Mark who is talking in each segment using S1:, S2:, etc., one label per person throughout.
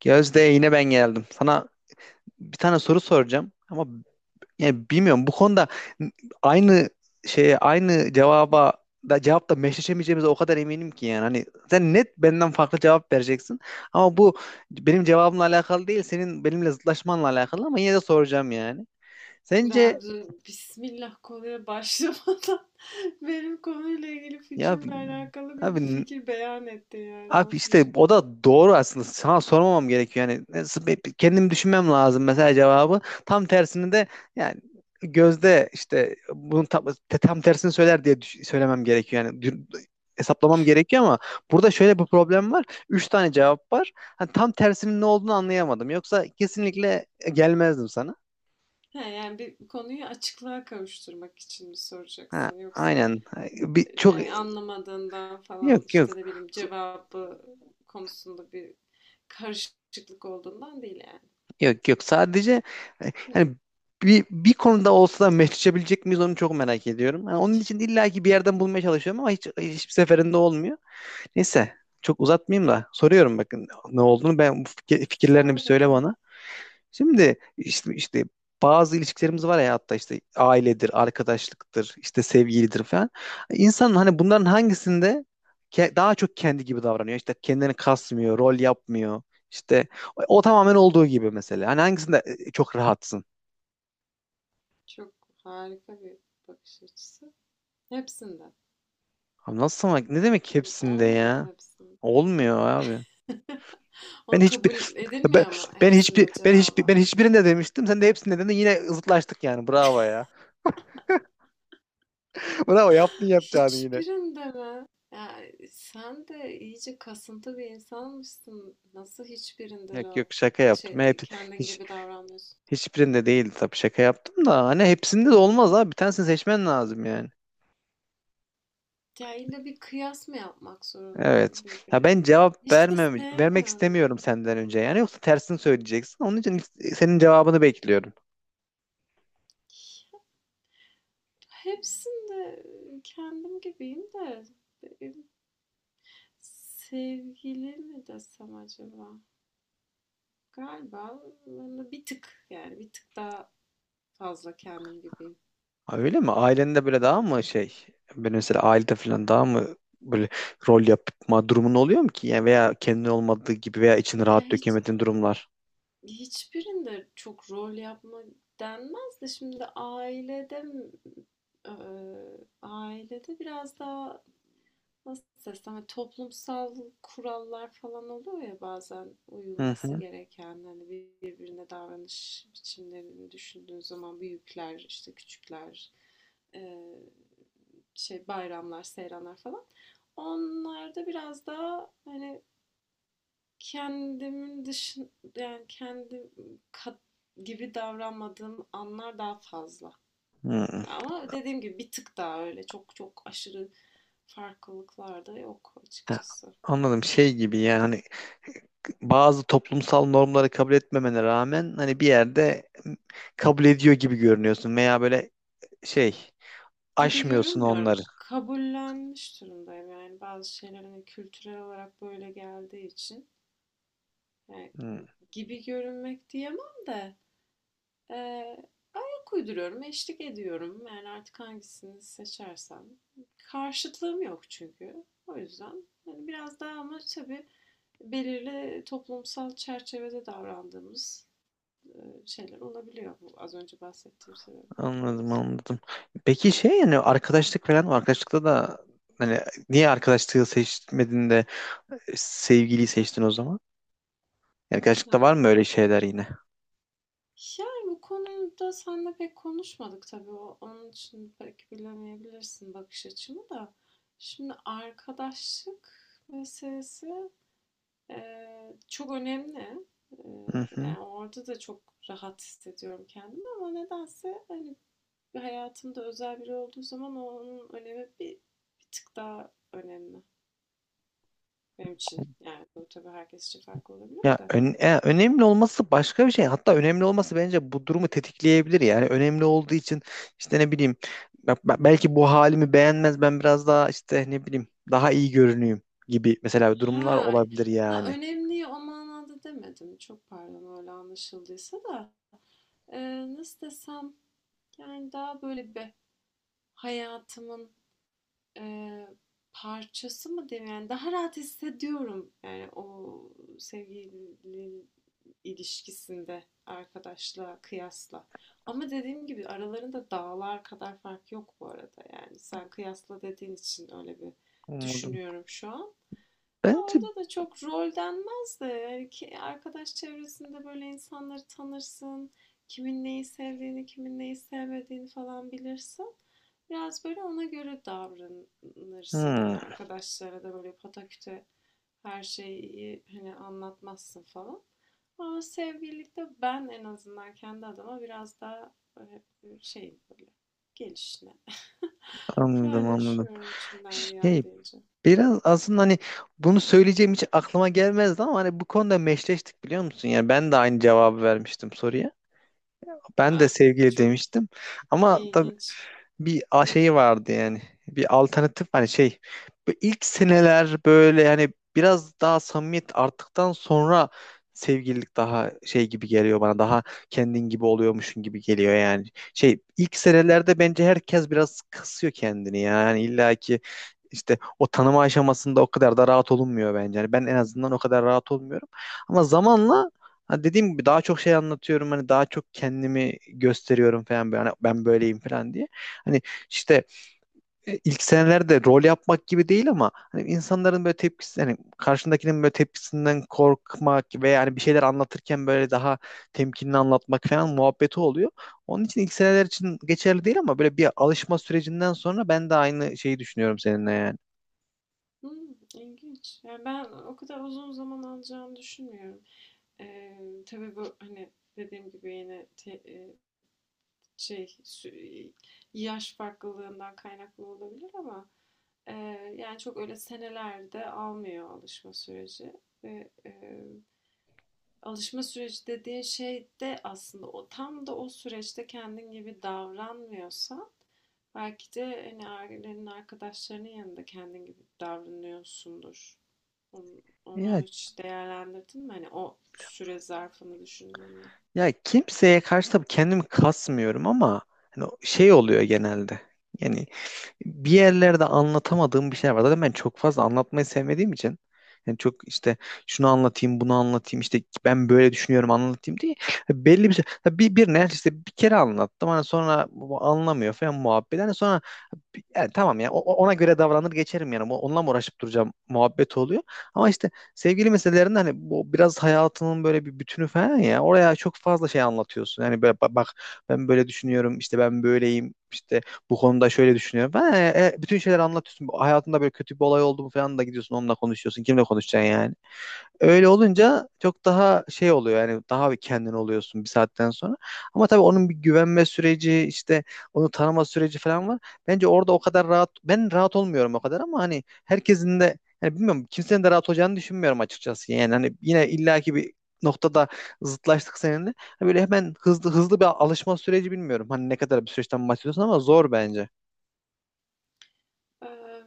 S1: Gözde, yine ben geldim. Sana bir tane soru soracağım ama yani bilmiyorum, bu konuda aynı şeye, aynı cevaba da, cevapta meşleşemeyeceğimize o kadar eminim ki. Yani hani sen net benden farklı cevap vereceksin ama bu benim cevabımla alakalı değil, senin benimle zıtlaşmanla alakalı. Ama yine de soracağım yani. Sence
S2: Ya dur, Bismillah konuya başlamadan benim konuyla ilgili
S1: ya
S2: fikrimle alakalı bir
S1: abi
S2: fikir beyan etti yani
S1: Abi
S2: nasıl bir
S1: işte
S2: şey?
S1: o da doğru aslında. Sana sormamam gerekiyor. Yani kendim düşünmem lazım mesela cevabı. Tam tersini de yani Gözde işte bunun tam tersini söyler diye söylemem gerekiyor. Yani hesaplamam gerekiyor ama burada şöyle bir problem var. Üç tane cevap var. Ha, tam tersinin ne olduğunu anlayamadım. Yoksa kesinlikle gelmezdim sana.
S2: Ha, yani bir konuyu açıklığa kavuşturmak için mi
S1: Ha,
S2: soracaksın yoksa
S1: aynen. Ha, Bir, çok
S2: yani anlamadığından falan
S1: yok
S2: işte
S1: yok.
S2: ne bileyim cevabı konusunda bir karışıklık olduğundan değil yani.
S1: Yok yok, sadece
S2: Hı.
S1: hani bir konuda olsa da meşleşebilecek miyiz onu çok merak ediyorum. Yani onun için illaki bir yerden bulmaya çalışıyorum ama hiç, hiçbir seferinde olmuyor. Neyse, çok uzatmayayım da soruyorum, bakın ne olduğunu. Ben bu fikirlerini bir
S2: Sor
S1: söyle
S2: bakalım.
S1: bana. Şimdi işte bazı ilişkilerimiz var ya, hatta işte ailedir, arkadaşlıktır, işte sevgilidir falan. İnsanın hani bunların hangisinde daha çok kendi gibi davranıyor, İşte kendini kasmıyor, rol yapmıyor. İşte o, o tamamen olduğu gibi mesela. Hani hangisinde çok rahatsın?
S2: Çok harika bir bakış açısı. Hepsinden.
S1: Abi nasıl ama, ne demek hepsinde
S2: Olmuyor mu
S1: ya?
S2: hepsinde?
S1: Olmuyor abi. Ben
S2: O kabul
S1: hiçbir ben,
S2: edilmiyor mu
S1: ben hiçbir
S2: hepsinde
S1: ben hiçbir
S2: cevaba?
S1: ben hiçbirinde demiştim. Sen de hepsinde dedin. Yine zıtlaştık yani. Bravo ya. Bravo, yaptın yapacağını yine.
S2: Hiçbirinde mi? Ya sen de iyice kasıntı bir insanmışsın. Nasıl hiçbirinde
S1: Yok
S2: rahat
S1: yok, şaka
S2: şey,
S1: yaptım. Hep
S2: kendin
S1: hiç
S2: gibi davranmıyorsun?
S1: hiçbirinde değildi tabii, şaka yaptım da hani hepsinde de olmaz abi. Bir tanesini seçmen lazım yani.
S2: Ya illa bir kıyas mı yapmak
S1: Evet.
S2: zorundayım
S1: Ya
S2: birbiriyle?
S1: ben cevap
S2: Hiç de
S1: vermem, vermek
S2: sevmiyorum
S1: istemiyorum
S2: onu.
S1: senden önce.
S2: Hmm.
S1: Yani yoksa tersini söyleyeceksin. Onun için senin cevabını bekliyorum.
S2: Hepsinde kendim gibiyim de benim sevgili mi desem acaba? Galiba ben de bir tık daha fazla kendim gibiyim.
S1: Ha, öyle mi? Ailende böyle daha mı şey? Ben mesela ailede falan daha mı böyle rol yapma durumun oluyor mu ki? Yani veya kendin olmadığı gibi veya içini
S2: Ya,
S1: rahat dökemediğin durumlar.
S2: hiçbirinde çok rol yapma denmez de şimdi ailede, ailede biraz daha nasıl desem, hani toplumsal kurallar falan oluyor ya, bazen
S1: Hı
S2: uyulması
S1: hı.
S2: gereken, hani birbirine davranış biçimlerini düşündüğün zaman büyükler işte küçükler, eee, şey, bayramlar seyranlar falan, onlarda biraz daha hani Kendimin dışın yani kendi gibi davranmadığım anlar daha fazla.
S1: Hı.
S2: Ama dediğim gibi bir tık daha, öyle çok çok aşırı farklılıklar da yok
S1: Ha,
S2: açıkçası.
S1: anladım, şey gibi yani, hani bazı toplumsal normları kabul etmemene rağmen hani bir yerde kabul ediyor gibi görünüyorsun, veya böyle şey,
S2: Gibi
S1: aşmıyorsun
S2: görünmüyorum.
S1: onları.
S2: Kabullenmiş durumdayım, yani bazı şeyler hani kültürel olarak böyle geldiği için. Yani
S1: Hmm,
S2: gibi görünmek diyemem de, e, uyduruyorum, eşlik ediyorum. Yani artık hangisini seçersem. Karşıtlığım yok çünkü. O yüzden yani biraz daha, ama tabii belirli toplumsal çerçevede davrandığımız e, şeyler olabiliyor, bu az önce bahsettiğim sebepler
S1: anladım
S2: dolayısıyla.
S1: anladım. Peki şey, yani arkadaşlık falan var. Arkadaşlıkta da hani niye arkadaşlığı seçmedin de sevgiliyi seçtin o zaman? Yani
S2: Ha.
S1: gerçekten var mı öyle şeyler yine?
S2: Yani bu konuda seninle pek konuşmadık tabii. Onun için pek bilemeyebilirsin bakış açımı da. Şimdi arkadaşlık meselesi çok önemli.
S1: Hı hı.
S2: Yani orada da çok rahat hissediyorum kendimi, ama nedense hani hayatımda özel biri olduğu zaman onun önemi bir tık daha önemli benim için. Yani bu tabii herkes için farklı olabilir
S1: Ya
S2: de.
S1: ön- ya önemli olması başka bir şey. Hatta önemli olması bence bu durumu tetikleyebilir. Yani önemli olduğu için işte ne bileyim belki bu halimi beğenmez, ben biraz daha işte ne bileyim daha iyi görüneyim gibi mesela durumlar
S2: Ha,
S1: olabilir
S2: ha,
S1: yani.
S2: önemli o manada demedim. Çok pardon, öyle anlaşıldıysa da. Nasıl desem, yani daha böyle bir hayatımın eee, parçası mı diyeyim, yani daha rahat hissediyorum, yani o sevgili ilişkisinde arkadaşla kıyasla. Ama dediğim gibi aralarında dağlar kadar fark yok bu arada, yani sen kıyasla dediğin için öyle bir
S1: Anladım.
S2: düşünüyorum şu an.
S1: Bence
S2: Orada da çok rol denmez de, yani ki arkadaş çevresinde böyle insanları tanırsın. Kimin neyi sevdiğini, kimin neyi sevmediğini falan bilirsin. Biraz böyle ona göre davranırsın. Hani
S1: hmm,
S2: arkadaşlara da böyle pataküte her şeyi hani anlatmazsın falan. Ama sevgililikte ben en azından kendi adıma biraz daha şey, böyle gelişine
S1: anladım anladım.
S2: paylaşıyorum içimden
S1: Şey,
S2: geldiğince.
S1: biraz aslında hani bunu söyleyeceğim hiç aklıma gelmezdi ama hani bu konuda meşleştik biliyor musun? Yani ben de aynı cevabı vermiştim soruya. Ben de
S2: Ah,
S1: sevgili
S2: çok
S1: demiştim. Ama tabii
S2: ilginç.
S1: bir şeyi vardı yani. Bir alternatif hani şey. Bu ilk seneler böyle yani biraz daha samimiyet arttıktan sonra sevgililik daha şey gibi geliyor bana. Daha kendin gibi oluyormuşsun gibi geliyor yani. Şey, ilk senelerde bence herkes biraz kısıyor kendini ya. Yani illa ki işte o tanıma aşamasında o kadar da rahat olunmuyor bence. Yani ben en azından o kadar rahat olmuyorum. Ama zamanla hani dediğim gibi daha çok şey anlatıyorum. Hani daha çok kendimi gösteriyorum falan, böyle. Hani ben böyleyim falan diye. Hani işte ilk senelerde rol yapmak gibi değil ama hani insanların böyle tepkisi, hani karşındakinin böyle tepkisinden korkmak ve yani bir şeyler anlatırken böyle daha temkinli anlatmak falan muhabbeti oluyor. Onun için ilk seneler için geçerli değil ama böyle bir alışma sürecinden sonra ben de aynı şeyi düşünüyorum seninle yani.
S2: Hmm, ilginç. Yani ben o kadar uzun zaman alacağını düşünmüyorum. Tabii bu, hani, dediğim gibi yine te şey, sü yaş farklılığından kaynaklı olabilir ama, yani, çok öyle senelerde almıyor alışma süreci ve, alışma süreci dediğin şey de aslında o tam da o süreçte kendin gibi davranmıyorsa, belki de, hani, ailenin, arkadaşlarının yanında kendin gibi davranıyorsundur. Onu
S1: Ya,
S2: hiç değerlendirdin mi? Hani o süre zarfını düşündüğünde.
S1: ya kimseye karşı tabii kendimi kasmıyorum ama hani şey oluyor genelde. Yani bir yerlerde anlatamadığım bir şey var. Zaten ben çok fazla anlatmayı sevmediğim için yani çok işte şunu anlatayım, bunu anlatayım, işte ben böyle düşünüyorum anlatayım diye belli bir şey. Bir ne işte, bir kere anlattım, hani sonra bu anlamıyor falan muhabbet. Hani sonra yani tamam ya ona göre davranır geçerim yani. Onunla mı uğraşıp duracağım muhabbet oluyor. Ama işte sevgili meselelerinde hani bu biraz hayatının böyle bir bütünü falan ya. Oraya çok fazla şey anlatıyorsun. Yani böyle bak, ben böyle düşünüyorum, işte ben böyleyim, işte bu konuda şöyle düşünüyorum falan. Bütün şeyler anlatıyorsun. Bu hayatında böyle kötü bir olay oldu mu falan da gidiyorsun onunla konuşuyorsun. Kimle konuşacaksın yani?
S2: Hı
S1: Öyle
S2: hı.
S1: olunca çok daha şey oluyor, yani daha bir kendin oluyorsun bir saatten sonra. Ama tabii onun bir güvenme süreci, işte onu tanıma süreci falan var. Bence orada o kadar rahat, ben rahat olmuyorum o kadar ama hani herkesin de, yani bilmiyorum, kimsenin de rahat olacağını düşünmüyorum açıkçası. Yani hani yine illaki bir noktada zıtlaştık seninle. Hani böyle hemen hızlı hızlı bir alışma süreci, bilmiyorum. Hani ne kadar bir süreçten bahsediyorsun ama zor bence.
S2: Eee,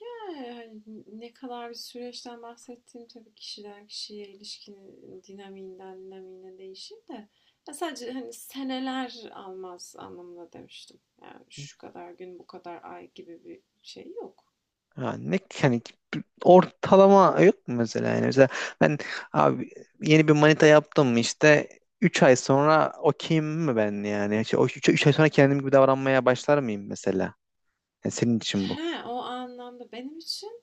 S2: Yani hani ne kadar bir süreçten bahsettiğim tabii kişiden kişiye, ilişkinin dinamiğinden dinamiğine değişir de, ya sadece hani seneler almaz anlamında demiştim. Yani şu kadar gün, bu kadar ay gibi bir şey yok.
S1: Ha, ne yani, ortalama yok mu mesela? Yani mesela ben abi yeni bir manita yaptım, işte 3 ay sonra okeyim mi ben yani, işte, o 3, ay sonra kendim gibi davranmaya başlar mıyım mesela, yani senin için bu.
S2: He, o anlamda benim için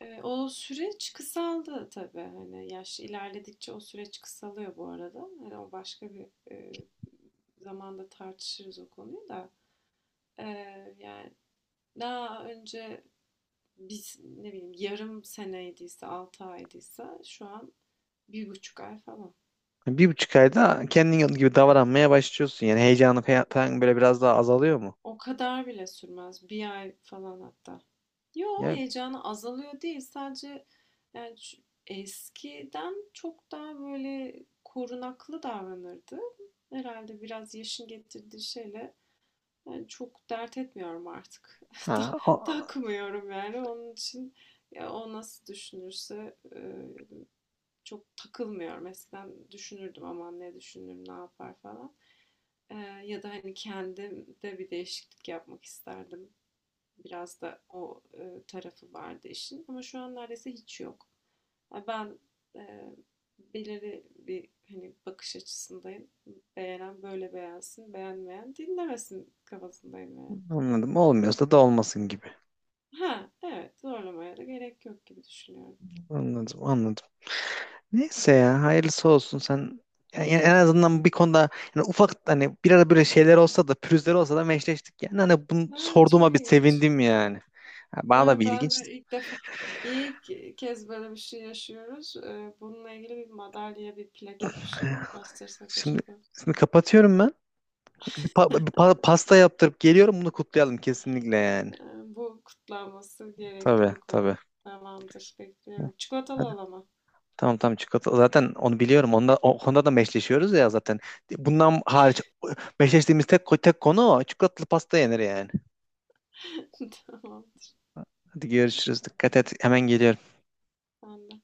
S2: O süreç kısaldı tabii, hani, yaş ilerledikçe o süreç kısalıyor bu arada. Hani, o başka bir, eee, zamanda tartışırız o konuyu da. Yani daha önce biz, ne bileyim, yarım seneydiyse, 6 aydıysa, şu an bir buçuk ay falan.
S1: Yani 1,5 ayda kendin gibi davranmaya başlıyorsun yani, heyecanı falan böyle biraz daha azalıyor mu
S2: O kadar bile sürmez, bir ay falan hatta. Yo,
S1: ya?
S2: heyecanı azalıyor değil. Sadece yani eskiden çok daha böyle korunaklı davranırdı. Herhalde biraz yaşın getirdiği şeyle, yani çok dert etmiyorum artık.
S1: ha
S2: Ta-
S1: o-
S2: Takmıyorum yani, onun için ya o nasıl düşünürse çok takılmıyorum. Eskiden düşünürdüm aman ne düşünür ne yapar falan. E, Ya da hani kendim de bir değişiklik yapmak isterdim. Biraz da o tarafı vardı işin, ama şu an neredeyse hiç yok. Ya ben e, belirli bir hani bakış açısındayım. Beğenen böyle beğensin, beğenmeyen dinlemesin kafasındayım yani.
S1: Anladım, olmuyorsa da olmasın gibi.
S2: Ha, evet, zorlamaya da gerek yok gibi düşünüyorum.
S1: Anladım anladım. Neyse ya, hayırlısı olsun. Sen yani en azından bir konuda, yani ufak hani bir ara böyle şeyler olsa da, pürüzler olsa da, meşleştik yani. Hani bunu
S2: Ha, çok
S1: sorduğuma bir
S2: ilginç.
S1: sevindim yani. Ha, bana da
S2: Evet,
S1: bir
S2: ben de
S1: ilginçti.
S2: ilk defa, ilk kez böyle bir şey yaşıyoruz. Bununla ilgili bir madalya, bir plaket, bir şey mi bastırsak
S1: Şimdi,
S2: acaba?
S1: şimdi kapatıyorum ben. Bir pasta yaptırıp geliyorum, bunu kutlayalım kesinlikle yani.
S2: Bu kutlanması gerekli
S1: Tabii
S2: bir konu.
S1: tabii.
S2: Tamamdır, bekliyorum. Çikolatalı
S1: Hadi.
S2: olamam.
S1: Tamam tamam, çikolata. Zaten onu biliyorum. Onda, o konuda da meşleşiyoruz ya zaten. Bundan hariç meşleştiğimiz tek konu o. Çikolatalı pasta yenir yani.
S2: Tamam,
S1: Hadi görüşürüz. Dikkat et. Hemen geliyorum.
S2: sen de.